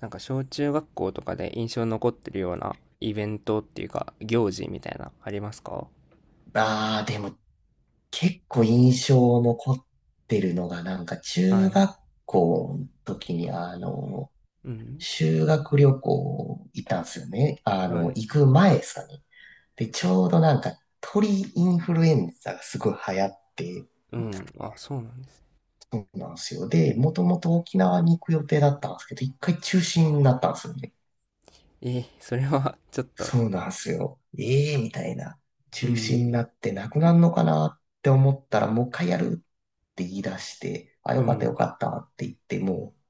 なんか小中学校とかで印象に残ってるようなイベントっていうか行事みたいなありますか？ああ、でも結構印象残ってるのが、なんか中はい。学校の時に、うん。修学旅行行ったんですよね。はい。行く前ですかね。で、ちょうどなんか鳥インフルエンザがすごい流行って、うん、あ、そうなんですね。そうなんですよ。で、もともと沖縄に行く予定だったんですけど、一回中止になったんですよね。えー、それは ちょっと。そうなんすよ。ええみたいな。う中止にん、なってなくなるのかなって思ったら、もう一回やるって言い出して、あ、うよかったよん。かったって言ってもう、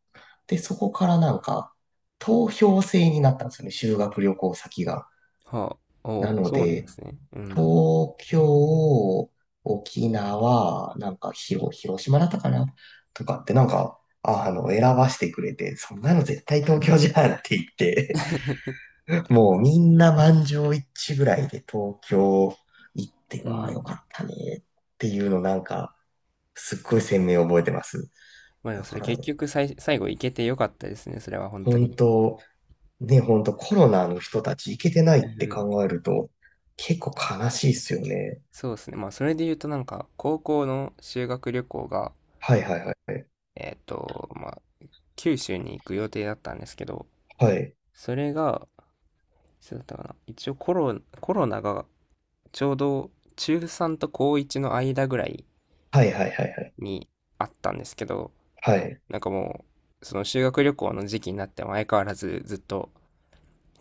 で、そこからなんか、投票制になったんですよね、修学旅行先が。はあ、なお、のそうなんでで、すね、うん。 東京、沖縄、なんか広島だったかなとかってなんか、選ばしてくれて、そんなの絶対東京じゃんって言って、もうみんな満場一致ぐらいで東京行ってうはよん。かったねっていうのなんかすっごい鮮明に覚えてます。まあでもだそかれら結局最後行けてよかったですね、それは本当本に。当、ね、本当コロナの人たち行けてないっうてん。考えると結構悲しいっすよね。そうですね。まあそれで言うとなんか高校の修学旅行が、はいはいはい。まあ九州に行く予定だったんですけど、はい。それがいつだったかな。一応コロナがちょうど中3と高1の間ぐらいはいはいはいはい。にあったんですけど、はい。なんかもう、その修学旅行の時期になっても相変わらずずっと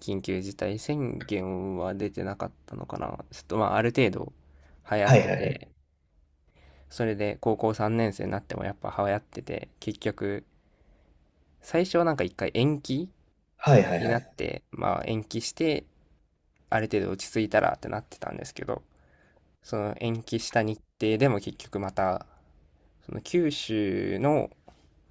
緊急事態宣言は出てなかったのかな。ちょっとまあある程度流行っはいてはいはい。て、それで高校3年生になってもやっぱ流行ってて、結局最初はなんか一回延期はいはいにはなっい。て、まあ延期してある程度落ち着いたらってなってたんですけど、その延期した日程でも結局また、その九州の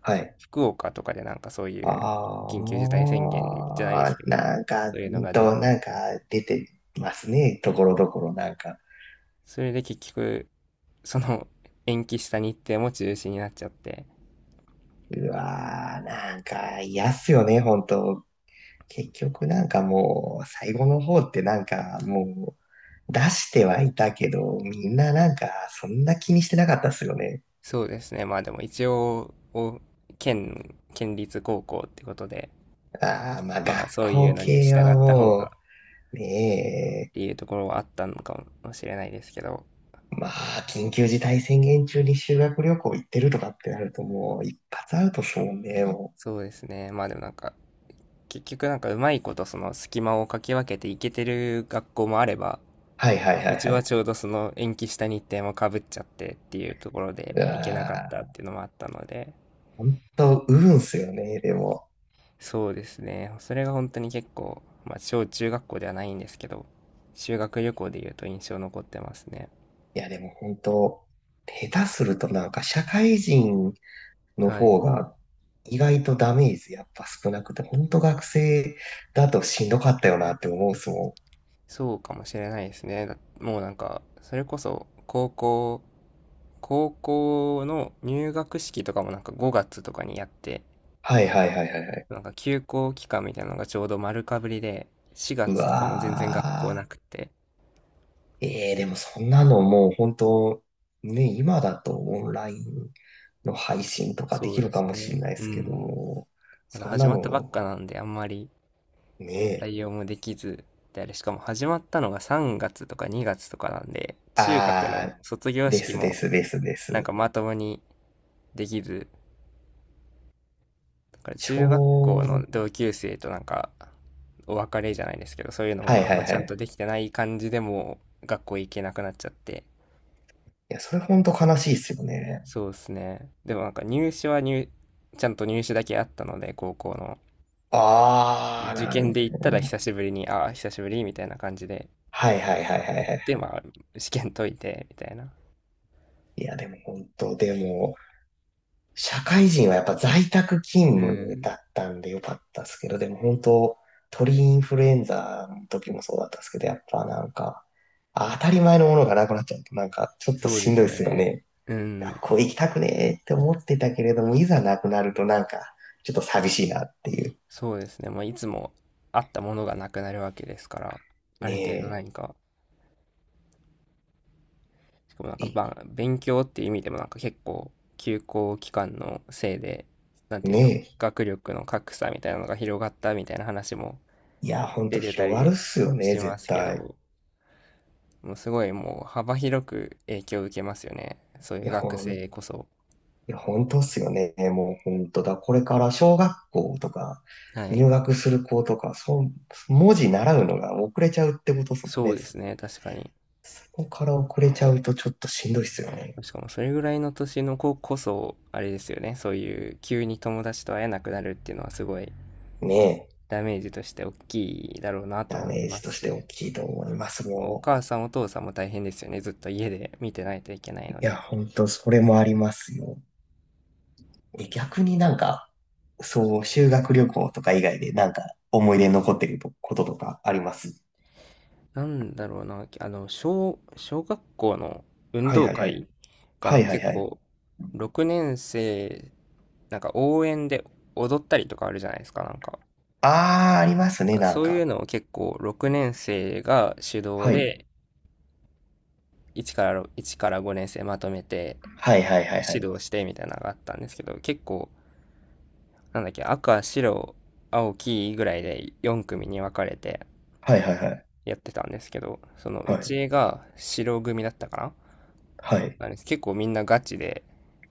はい。福岡とかでなんかそういう緊急事態宣言じゃないであすあ、けど、なんか、そういうのが出て、なんか出てますね。ところどころなんか。それで結局、その延期した日程も中止になっちゃって、うわー、なんか嫌っすよね、本当。結局なんかもう、最後の方ってなんかもう、出してはいたけど、みんななんか、そんな気にしてなかったっすよね。そうですね、まあでも一応、県立高校ってことで、ああ、まあま学あそういう校のに系従はった方がもっう、ねていうところはあったのかもしれないですけど、え、まあ、緊急事態宣言中に修学旅行行ってるとかってなるともう、一発アウトっすもんね、もう。そうですね、まあでもなんか結局なんかうまいことその隙間をかき分けていけてる学校もあれば、はいはいはいうちははい。ちょうどその延期した日程もかぶっちゃってっていうところでうわ行けなかったっー、ていうのもあったので、本当、運っすよね、でも。そうですね。それが本当に結構、まあ小中学校ではないんですけど、修学旅行で言うと印象残ってますね。いや、でも本当、下手するとなんか社会人のは方い。が意外とダメージやっぱ少なくて、本当学生だとしんどかったよなって思うっすもん。そうかもしれないですね。だもうなんか、それこそ高校の入学式とかもなんか5月とかにやって、はいはいはいはいはい。なんか休校期間みたいなのがちょうど丸かぶりで、4う月とかも全然学校わなくて。ー。でもそんなのもう本当、ね、今だとオンラインの配信とかでそうきるでかすもしれね。ないでうすけどん。も、まだそん始なまったばっの、かなんで、あんまりね、対応もできず、で、あれ、しかも始まったのが3月とか2月とかなんで、中学あの卒業ー、で式すでもすですでなんす。かまともにできず、だからち中学ょ校のう、同級生となんかお別れじゃないですけど、そういうのはもいあんはいまちはゃんとい。できてない感じでもう学校行けなくなっちゃって。いや、それほんと悲しいっすよね。そうですね。でもなんか入試はちゃんと入試だけあったので、高校の。ああ、受な験るで行ったほらど。久しぶりに、ああ、久しぶりみたいな感じで。はいはいはいはいはで、い。まあ、試験解いて、みたいな。いや、でも本当、でも、社会人はやっぱ在宅う勤務だん。ったんでよかったですけど、でも本当、鳥インフルエンザの時もそうだったんですけど、やっぱなんか、あ当たり前のものがなくなっちゃうと、なんかちょっとそうしでんどすいでよすよね。ね。うん。学校行きたくねーって思ってたけれども、いざなくなるとなんか、ちょっと寂しいなっていう。そうですね。まあ、いつもあったものがなくなるわけですから、ある程度ね何か、しかもなんえ、か、いばん勉強っていう意味でもなんか結構、休校期間のせいで、なんていうんだろう、ねえ。学力の格差みたいなのが広がったみたいな話もいや、ほんと出てた広がるっりすよね、しま絶すけ対。ど、もうすごいもう幅広く影響を受けますよね。そういう学い生こそ。や、ほんとっすよね。もうほんとだ。これから小学校とか、はい。入学する子とか、そう、文字習うのが遅れちゃうってことっすもんそね。うでそすね、確かに。こから遅れちゃうとちょっとしんどいっすよね。しかもそれぐらいの年の子こそ、あれですよね、そういう急に友達と会えなくなるっていうのはすごいねえ。ダメージとして大きいだろうなとダ思メいーまジとすしてし、大きいと思います、おも母さんお父さんも大変ですよね、ずっと家で見てないといけないう。いのや、で。ほんと、それもありますよ。え逆になんか、そう、修学旅行とか以外でなんか思い出に残ってることとかあります？なんだろうな、小学校の運はい動はいはい。会かはな、いはい結はい。構、6年生、なんか応援で踊ったりとかあるじゃないですか、なんか。ああ、ありますなんね、かなんそういうか。のを結構6年生が主導はい。で、1から5年生まとめてはいはいはいは指い。導してみたいなのがあったんですけど、結構、なんだっけ、赤、白、青、黄ぐらいで4組に分かれてはいはいはい。やってたんですけど、そのうはい。ちが白組だったかな、はい。なんです、結構みんなガチで、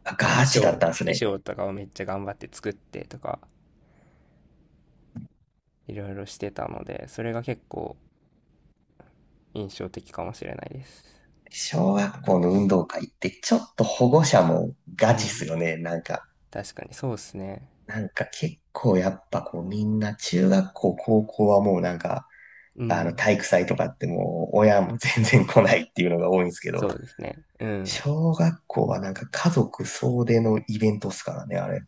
あ、衣ガチ装、だっ衣たんですね。装とかをめっちゃ頑張って作ってとか、いろいろしてたので、それが結構印象的かもしれないです。小学校の運動会ってちょっと保護者もうガチっん。すよね。なんか、確かに、そうですね。なんか結構やっぱこうみんな中学校、高校はもうなんか、うあのん。体育祭とかってもう親も全然来ないっていうのが多いんですけど、そうですね。うん。小学校はなんか家族総出のイベントっすからね、あれ。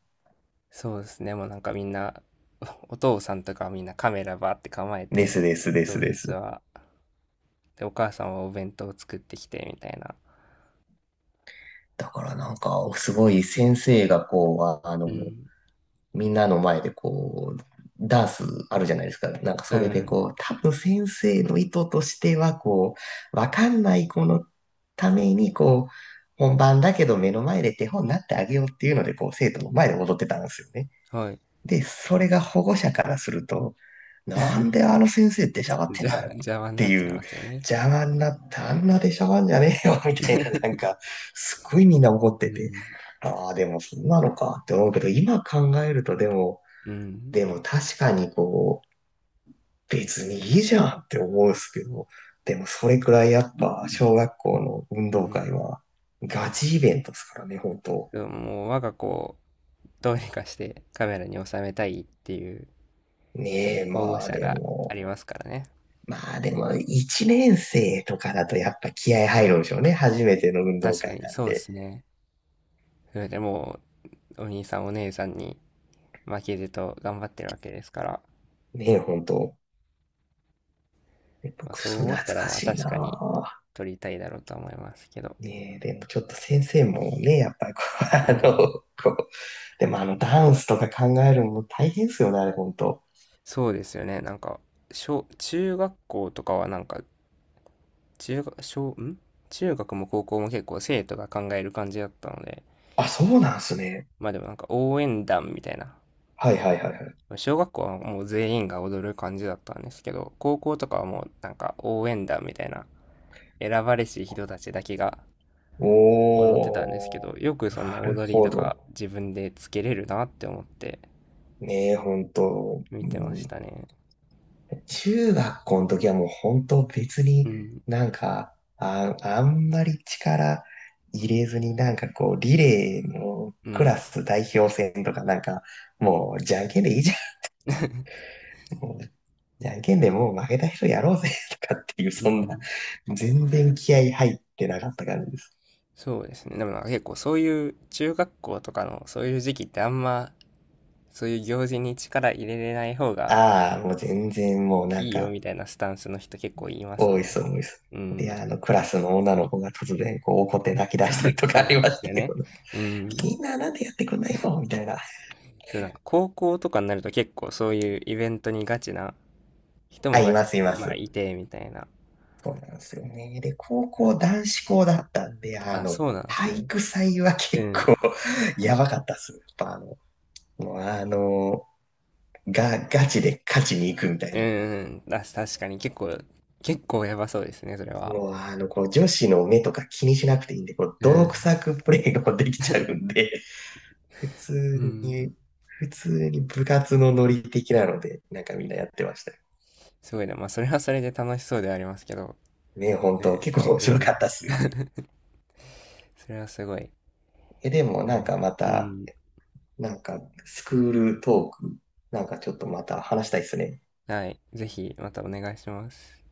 そうですね。もうなんかみんな、お父さんとかはみんなカメラバーって構えでて、すですです当で日す。は。で、お母さんはお弁当を作ってきて、みたいな。だからなんか、すごい先生がこう、うん。みんなの前でこう、ダンスあるじゃないですか。なんかうそれでん。こう、多分先生の意図としてはこう、わかんない子のためにこう、本番だけど目の前で手本になってあげようっていうので、こう、生徒の前で踊ってたんですよね。はい。で、それが保護者からすると、なんであの 先生出しゃばってんだよっ邪魔にてなっちゃいいう、ますよね。邪魔になったあんな出しゃばんじゃねえよ みたいな、なん か、すっごいみんな怒っうてて、ん。ああ、でもそんなのかって思うけど、今考えるとでも、うん、でも確かにこう、別にいいじゃんって思うんですけど、でもそれくらいやっぱ小学校の運動う会ん。はガチイベントですからね、本当。でも、もう我が子をどうにかしてカメラに収めたいっていうねえ、保護まあ者でがあも、りますからね。まあでも、一年生とかだとやっぱ気合う入ん。るんでしょうね。初めての運動確か会になんそうでで。すね。それでもお兄さんお姉さんに負けじと頑張ってるわけですから、ねえ、本当。ねまあ、僕、そうそん思なった懐ら、かまあ、しい確かにな撮りたいだろうとは思いますけど。ぁねえ、でもちょっと先生もね、やっぱりこう、うん。こう、でもあのダンスとか考えるのも大変ですよね、あれ本当。そうですよね。なんか、小中学校とかはなんか、中ゅん？中学も高校も結構生徒が考える感じだったので、あ、そうなんすね。まあでもなんか応援団みたいな。はいはいはいはい。小学校はもう全員が踊る感じだったんですけど、高校とかはもうなんか応援団みたいな、選ばれし人たちだけが踊ってたんですけおー、ど、よくそんななる踊りほとど。か自分でつけれるなって思ってねえ、本当。見うてましん。たね。中学校の時はもう本当別うにん、なんか、あんまり力入れずになんかこう、リレーのうクラん、ス代表戦とかなんか、もうじゃんけんでいいじゃん。もうじゃんけんでもう負けた人やろうぜとかっていう、うそんな、ん。全然気合入ってなかった感じです。そうですね。でもなんか結構そういう中学校とかのそういう時期ってあんまそういう行事に力入れれない方がああ、もう全然もうなんいいよか、みたいなスタンスの人結構います多もいんっす、ね。多いっす。うで、ん。クラスの女の子が突然こう怒って泣き出したりとそかあうなんりでましすよたね。よ。うん。みんななんでやってくんないのみたいな。で、なんか高校とかになると結構そういうイベントにガチな人あ、もいます、いままあす。いてみたいな。そうなんですよね。で、高校男子校だったんで、あ、そうなんです体ね。育祭はう結構 ん。やばかったっす。やっぱもうガチで勝ちに行くみたいうな。ん、うん。あ、確かに結構やばそうですね、それは。もうこう女子の目とか気にしなくていいんで、こうう泥ん。臭くプレーができちゃうんで、普う通ん。に、普通に部活のノリ的なので、なんかみんなやってましたよ。すごいな。まあそれはそれで楽しそうではありますけど。ね、本当ね。結構面う白ん。かったっすよ。それはすごい。でもはなんい。かまうた、ん。なんか、スクールトーク、なんかちょっとまた話したいですね。はい。ぜひまたお願いします。